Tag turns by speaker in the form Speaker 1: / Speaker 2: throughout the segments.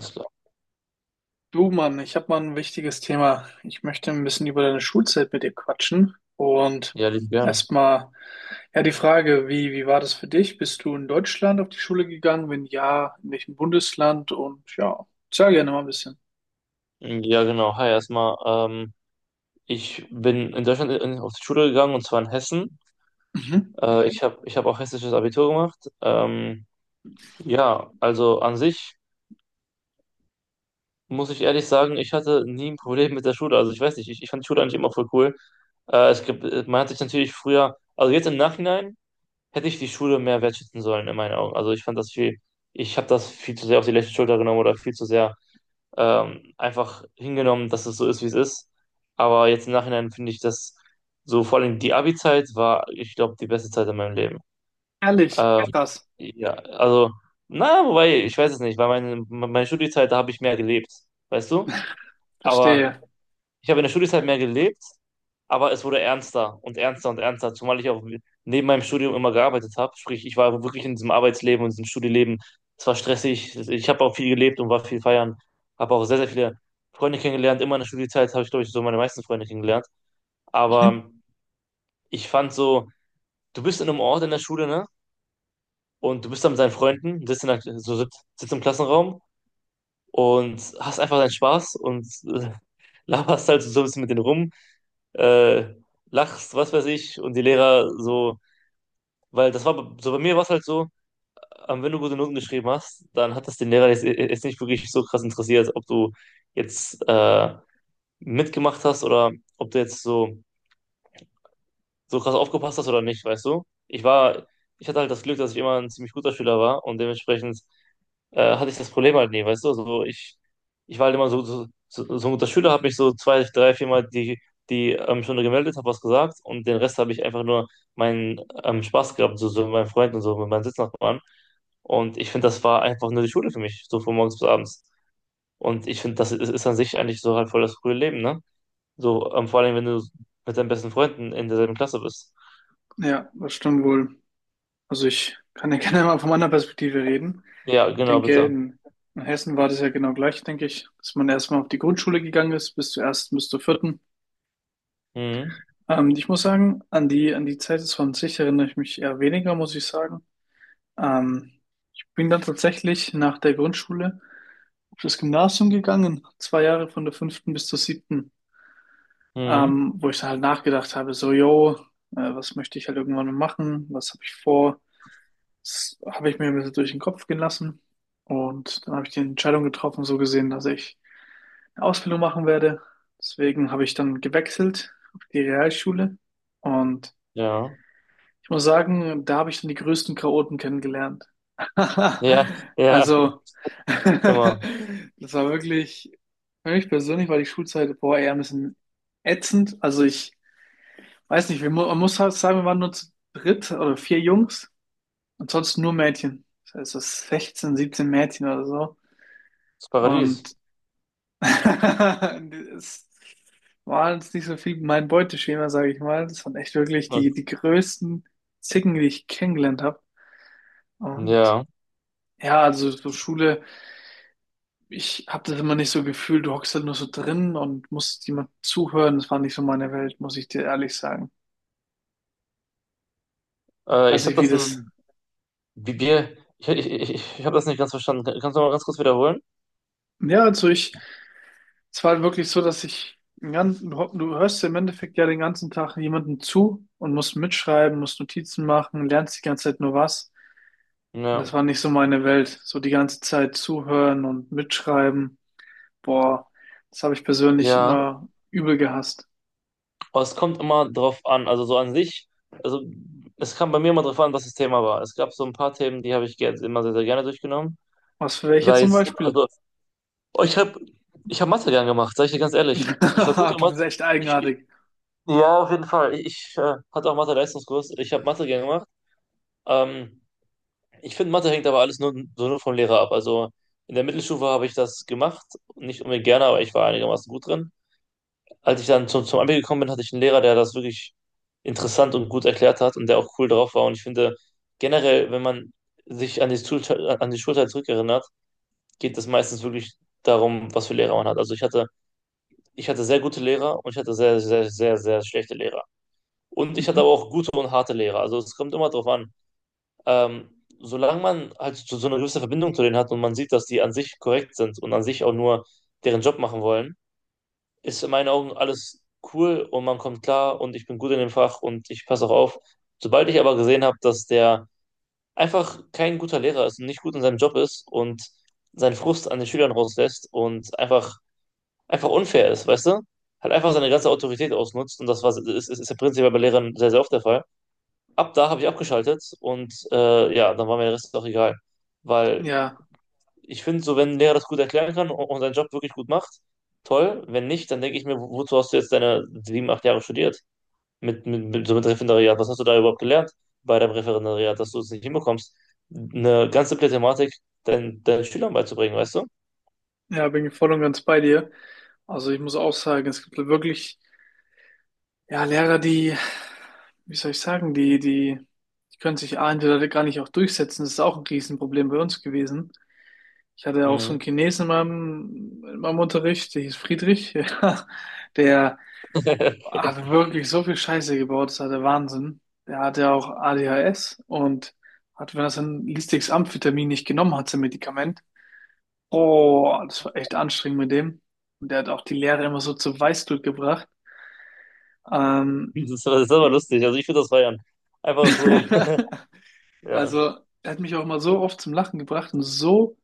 Speaker 1: Alles klar.
Speaker 2: Du Mann, ich habe mal ein wichtiges Thema. Ich möchte ein bisschen über deine Schulzeit mit dir quatschen und
Speaker 1: Ja, lieb gern.
Speaker 2: erstmal ja die Frage, wie war das für dich? Bist du in Deutschland auf die Schule gegangen? Wenn ja, in welchem Bundesland? Und ja, sag gerne mal ein bisschen.
Speaker 1: Ja, genau. Hi, erstmal. Ich bin in Deutschland auf die Schule gegangen, und zwar in Hessen.
Speaker 2: Mhm.
Speaker 1: Ich hab auch hessisches Abitur gemacht. Ja, also an sich muss ich ehrlich sagen, ich hatte nie ein Problem mit der Schule. Also ich weiß nicht, ich fand die Schule eigentlich immer voll cool. Man hat sich natürlich früher, also jetzt im Nachhinein, hätte ich die Schule mehr wertschätzen sollen, in meinen Augen. Also ich fand das viel, ich habe das viel zu sehr auf die leichte Schulter genommen oder viel zu sehr einfach hingenommen, dass es so ist, wie es ist. Aber jetzt im Nachhinein finde ich das so, vor allem die Abi-Zeit war, ich glaube, die beste Zeit in meinem Leben.
Speaker 2: Ehrlich,
Speaker 1: Ja.
Speaker 2: krass,
Speaker 1: Ja, also, na, wobei, ich weiß es nicht, weil meine Studiezeit, da habe ich mehr gelebt, weißt du? Aber
Speaker 2: verstehe.
Speaker 1: ich habe in der Studienzeit mehr gelebt, aber es wurde ernster und ernster und ernster, zumal ich auch neben meinem Studium immer gearbeitet habe. Sprich, ich war wirklich in diesem Arbeitsleben und diesem Studieleben. Es war stressig. Ich habe auch viel gelebt und war viel feiern. Habe auch sehr, sehr viele Freunde kennengelernt. Immer in der Studienzeit habe ich, glaube ich, so meine meisten Freunde kennengelernt.
Speaker 2: Mhm.
Speaker 1: Aber ich fand so, du bist in einem Ort in der Schule, ne? Und du bist da mit deinen Freunden, sitzt, in der, so, sitzt sitzt im Klassenraum und hast einfach deinen Spaß und äh, laberst halt so ein bisschen mit denen rum, äh, lachst, was weiß ich, und die Lehrer so, weil das war b- so bei mir war es halt so, wenn du gute Noten geschrieben hast, dann hat das den Lehrer jetzt nicht wirklich so krass interessiert, ob du jetzt mitgemacht hast, oder ob du jetzt so, krass aufgepasst hast oder nicht, weißt du? Ich hatte halt das Glück, dass ich immer ein ziemlich guter Schüler war und dementsprechend hatte ich das Problem halt nie, weißt du? Also ich war halt immer so ein guter Schüler, habe mich so zwei, drei, viermal die Stunde gemeldet, habe was gesagt, und den Rest habe ich einfach nur meinen Spaß gehabt, so mit meinen Freunden und so, mit meinen Sitznachbarn. Und ich finde, das war einfach nur die Schule für mich, so von morgens bis abends. Und ich finde, das ist an sich eigentlich so halt voll das frühe Leben, ne? So, vor allem, wenn du mit deinen besten Freunden in derselben Klasse bist.
Speaker 2: Ja, das stimmt wohl. Also ich kann ja gerne mal von meiner Perspektive reden.
Speaker 1: Ja,
Speaker 2: Ich
Speaker 1: genau,
Speaker 2: denke,
Speaker 1: bitte.
Speaker 2: in Hessen war das ja genau gleich, denke ich, dass man erstmal auf die Grundschule gegangen ist, bis zur ersten, bis zur vierten.
Speaker 1: Mhm.
Speaker 2: Ich muss sagen, an an die Zeit des 20 erinnere ich mich eher weniger, muss ich sagen. Ähm, Bin dann tatsächlich nach der Grundschule auf das Gymnasium gegangen, zwei Jahre von der fünften bis zur siebten,
Speaker 1: Mhm.
Speaker 2: wo ich dann halt nachgedacht habe, so, yo, was möchte ich halt irgendwann mal machen, was habe ich vor, das habe ich mir ein bisschen durch den Kopf gehen lassen und dann habe ich die Entscheidung getroffen, so gesehen, dass ich eine Ausbildung machen werde. Deswegen habe ich dann gewechselt auf die Realschule und
Speaker 1: Ja.
Speaker 2: ich muss sagen, da habe ich dann die größten Chaoten kennengelernt.
Speaker 1: Ja, ja,
Speaker 2: Also,
Speaker 1: immer.
Speaker 2: das war wirklich, für mich persönlich war die Schulzeit, boah, eher ein bisschen ätzend. Also ich weiß nicht, man muss halt sagen, wir waren nur zu dritt oder vier Jungs und sonst nur Mädchen. Das heißt, so 16, 17 Mädchen oder so.
Speaker 1: Das Paradies.
Speaker 2: Und es war jetzt nicht so viel mein Beuteschema, sage ich mal. Das waren echt wirklich die größten Zicken, die ich kennengelernt habe. Und
Speaker 1: Ja,
Speaker 2: ja, also so Schule, ich habe das immer nicht so gefühlt, du hockst halt nur so drin und musst jemand zuhören. Das war nicht so meine Welt, muss ich dir ehrlich sagen. Ich
Speaker 1: äh,
Speaker 2: weiß
Speaker 1: ich habe
Speaker 2: nicht, wie
Speaker 1: das
Speaker 2: das.
Speaker 1: ein, ich habe das nicht ganz verstanden. Kannst du mal ganz kurz wiederholen?
Speaker 2: Ja, also ich, es war halt wirklich so, dass ich den ganzen, du hörst im Endeffekt ja den ganzen Tag jemandem zu und musst mitschreiben, musst Notizen machen, lernst die ganze Zeit nur was. Und das
Speaker 1: Ja.
Speaker 2: war nicht so meine Welt. So die ganze Zeit zuhören und mitschreiben. Boah, das habe ich persönlich
Speaker 1: Ja,
Speaker 2: immer übel gehasst.
Speaker 1: aber es kommt immer drauf an. Also so an sich, also es kam bei mir immer drauf an, was das Thema war. Es gab so ein paar Themen, die habe ich immer sehr, sehr gerne durchgenommen.
Speaker 2: Was für welche
Speaker 1: Sei
Speaker 2: zum
Speaker 1: es,
Speaker 2: Beispiel?
Speaker 1: also oh, ich habe ich hab Mathe gern gemacht, sage ich dir ganz ehrlich. Ich war gut in
Speaker 2: Du bist
Speaker 1: Mathe.
Speaker 2: echt
Speaker 1: Ich, ich,
Speaker 2: eigenartig.
Speaker 1: ja, auf jeden Fall. Ich hatte auch Mathe-Leistungskurs. Ich habe Mathe gern gemacht. Ähm, Ich finde, Mathe hängt aber alles nur, so nur vom Lehrer ab. Also in der Mittelstufe habe ich das gemacht, nicht unbedingt gerne, aber ich war einigermaßen gut drin. Als ich dann zum Abi gekommen bin, hatte ich einen Lehrer, der das wirklich interessant und gut erklärt hat und der auch cool drauf war. Und ich finde generell, wenn man sich an die Schulzeit zurückerinnert, geht es meistens wirklich darum, was für Lehrer man hat. Also ich hatte sehr gute Lehrer, und ich hatte sehr, sehr, sehr, sehr schlechte Lehrer. Und ich hatte aber
Speaker 2: Mhm.
Speaker 1: auch gute und harte Lehrer. Also es kommt immer drauf an. Ähm, Solange man halt so eine gewisse Verbindung zu denen hat und man sieht, dass die an sich korrekt sind und an sich auch nur deren Job machen wollen, ist in meinen Augen alles cool, und man kommt klar, und ich bin gut in dem Fach, und ich passe auch auf. Sobald ich aber gesehen habe, dass der einfach kein guter Lehrer ist und nicht gut in seinem Job ist und seinen Frust an den Schülern rauslässt und einfach unfair ist, weißt du? Hat einfach seine ganze Autorität ausnutzt, und das ist ja prinzipiell bei Lehrern sehr, sehr oft der Fall. Ab da habe ich abgeschaltet, und ja, dann war mir der Rest auch egal. Weil
Speaker 2: Ja,
Speaker 1: ich finde, so wenn ein Lehrer das gut erklären kann und seinen Job wirklich gut macht, toll. Wenn nicht, dann denke ich mir, wozu hast du jetzt deine sieben, acht Jahre studiert? So mit Referendariat. Was hast du da überhaupt gelernt bei deinem Referendariat, dass du es nicht hinbekommst, eine ganz simple Thematik deinen Schülern beizubringen, weißt du?
Speaker 2: ja, bin ich voll und ganz bei dir. Also ich muss auch sagen, es gibt wirklich, ja, wie soll ich sagen, die können sich A, entweder gar nicht auch durchsetzen. Das ist auch ein Riesenproblem bei uns gewesen. Ich hatte auch so einen
Speaker 1: Mhm.
Speaker 2: Chinesen in in meinem Unterricht, der hieß Friedrich, ja, der hat wirklich so viel Scheiße gebaut, das war der Wahnsinn. Der hatte auch ADHS und hat, wenn er sein listiges Amphetamin nicht genommen hat, sein Medikament. Oh, das war echt anstrengend mit dem. Und der hat auch die Lehrer immer so zur Weißglut gebracht. Ähm,
Speaker 1: Das ist aber lustig. Also ich finde das feiern. Einfach so. Ja,
Speaker 2: also, er hat mich auch mal so oft zum Lachen gebracht und so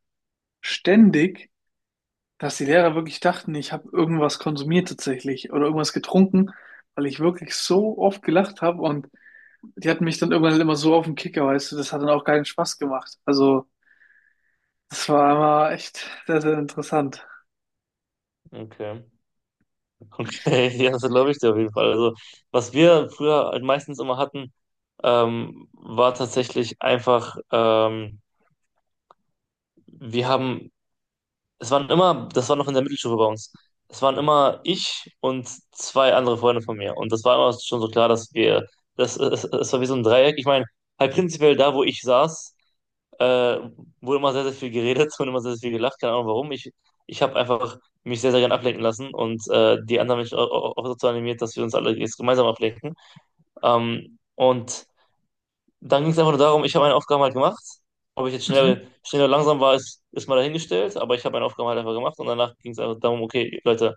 Speaker 2: ständig, dass die Lehrer wirklich dachten, ich habe irgendwas konsumiert tatsächlich oder irgendwas getrunken, weil ich wirklich so oft gelacht habe und die hatten mich dann irgendwann halt immer so auf den Kicker, weißt du, das hat dann auch keinen Spaß gemacht. Also, das war immer echt sehr, sehr interessant.
Speaker 1: okay. Okay, ja, das glaube ich dir auf jeden Fall. Also, was wir früher halt meistens immer hatten, war tatsächlich einfach, wir haben, es waren immer, das war noch in der Mittelstufe bei uns, es waren immer ich und zwei andere Freunde von mir. Und das war immer schon so klar, es war wie so ein Dreieck. Ich meine, halt prinzipiell da, wo ich saß, äh, wurde immer sehr, sehr viel geredet, wurde immer sehr, sehr viel gelacht, keine Ahnung warum. Ich habe einfach mich sehr, sehr gern ablenken lassen und die anderen Menschen auch dazu animiert, dass wir uns alle jetzt gemeinsam ablenken. Und dann ging es einfach nur darum, ich habe meine Aufgaben halt gemacht. Ob ich jetzt
Speaker 2: Mhm.
Speaker 1: schnell oder langsam war, ist mal dahingestellt, aber ich habe meine Aufgaben halt einfach gemacht, und danach ging es einfach darum, okay, Leute,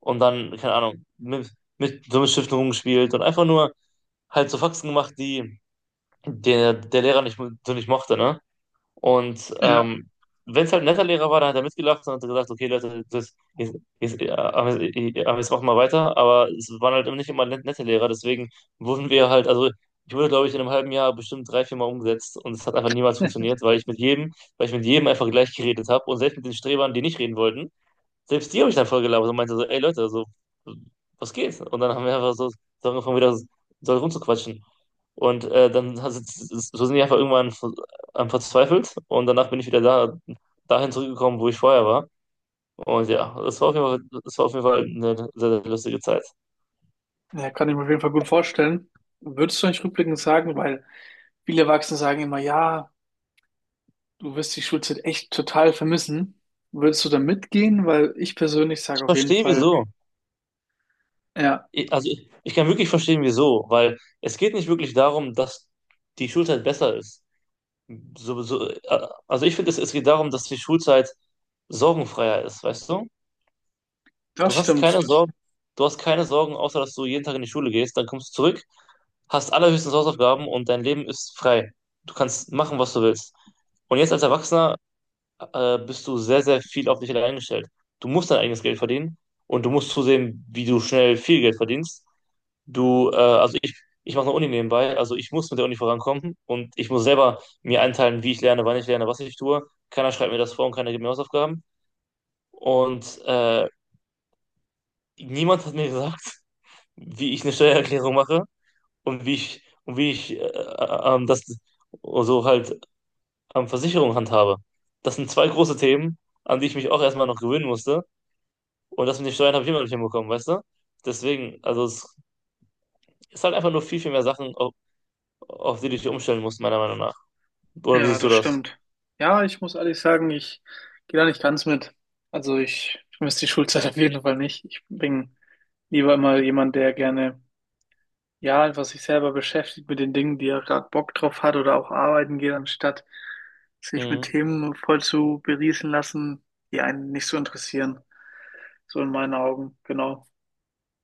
Speaker 1: und dann, keine Ahnung, mit Stiften rumgespielt und einfach nur halt so Faxen gemacht, die der Lehrer nicht mochte, ne? Und
Speaker 2: Ja.
Speaker 1: wenn es halt ein netter Lehrer war, dann hat er mitgelacht und hat gesagt, okay, Leute, aber jetzt machen wir weiter. Aber es waren halt nicht immer nette Lehrer, deswegen wurden wir halt, also ich wurde, glaube ich, in einem halben Jahr bestimmt drei, vier Mal umgesetzt, und es hat einfach niemals funktioniert, weil ich mit jedem, weil ich mit jedem einfach gleich geredet habe, und selbst mit den Strebern, die nicht reden wollten, selbst die habe ich dann voll gelabert und meinte so, ey Leute, so, was geht? Und dann haben wir einfach so, angefangen, wieder so rumzuquatschen. Und so sind die einfach irgendwann am verzweifelt, und danach bin ich wieder dahin zurückgekommen, wo ich vorher war. Und ja, das war auf jeden Fall, das war auf jeden Fall eine sehr, sehr lustige Zeit.
Speaker 2: Ja, kann ich mir auf jeden Fall gut vorstellen. Würdest du nicht rückblickend sagen, weil viele Erwachsene sagen immer, ja, du wirst die Schulzeit echt total vermissen. Würdest du da mitgehen? Weil ich persönlich sage
Speaker 1: Ich
Speaker 2: auf jeden
Speaker 1: verstehe
Speaker 2: Fall,
Speaker 1: wieso.
Speaker 2: ja,
Speaker 1: Also ich kann wirklich verstehen wieso, weil es geht nicht wirklich darum, dass die Schulzeit besser ist. Also ich finde, es geht darum, dass die Schulzeit sorgenfreier ist, weißt du?
Speaker 2: das
Speaker 1: Du hast keine
Speaker 2: stimmt.
Speaker 1: Sorgen, du hast keine Sorgen, außer dass du jeden Tag in die Schule gehst, dann kommst du zurück, hast allerhöchstens Hausaufgaben, und dein Leben ist frei. Du kannst machen, was du willst. Und jetzt als Erwachsener bist du sehr, sehr viel auf dich allein gestellt. Du musst dein eigenes Geld verdienen, und du musst zusehen, wie du schnell viel Geld verdienst. Also ich mache eine Uni nebenbei, also ich muss mit der Uni vorankommen, und ich muss selber mir einteilen, wie ich lerne, wann ich lerne, was ich tue. Keiner schreibt mir das vor, und keiner gibt mir Hausaufgaben. Und niemand hat mir gesagt, wie ich eine Steuererklärung mache und wie ich das so halt Versicherung handhabe. Das sind zwei große Themen, an die ich mich auch erstmal noch gewöhnen musste. Und das mit den Steuern habe ich immer noch nicht hinbekommen, weißt du? Deswegen, also es ist halt einfach nur viel, viel mehr Sachen, auf die du dich umstellen musst, meiner Meinung nach. Oder wie
Speaker 2: Ja,
Speaker 1: siehst du
Speaker 2: das
Speaker 1: das?
Speaker 2: stimmt. Ja, ich muss ehrlich sagen, ich gehe da nicht ganz mit. Also ich vermisse die Schulzeit auf jeden Fall nicht. Ich bin lieber immer jemand, der gerne ja, einfach sich selber beschäftigt mit den Dingen, die er gerade Bock drauf hat oder auch arbeiten geht, anstatt sich mit
Speaker 1: Mhm.
Speaker 2: Themen voll zu berieseln lassen, die einen nicht so interessieren. So in meinen Augen, genau.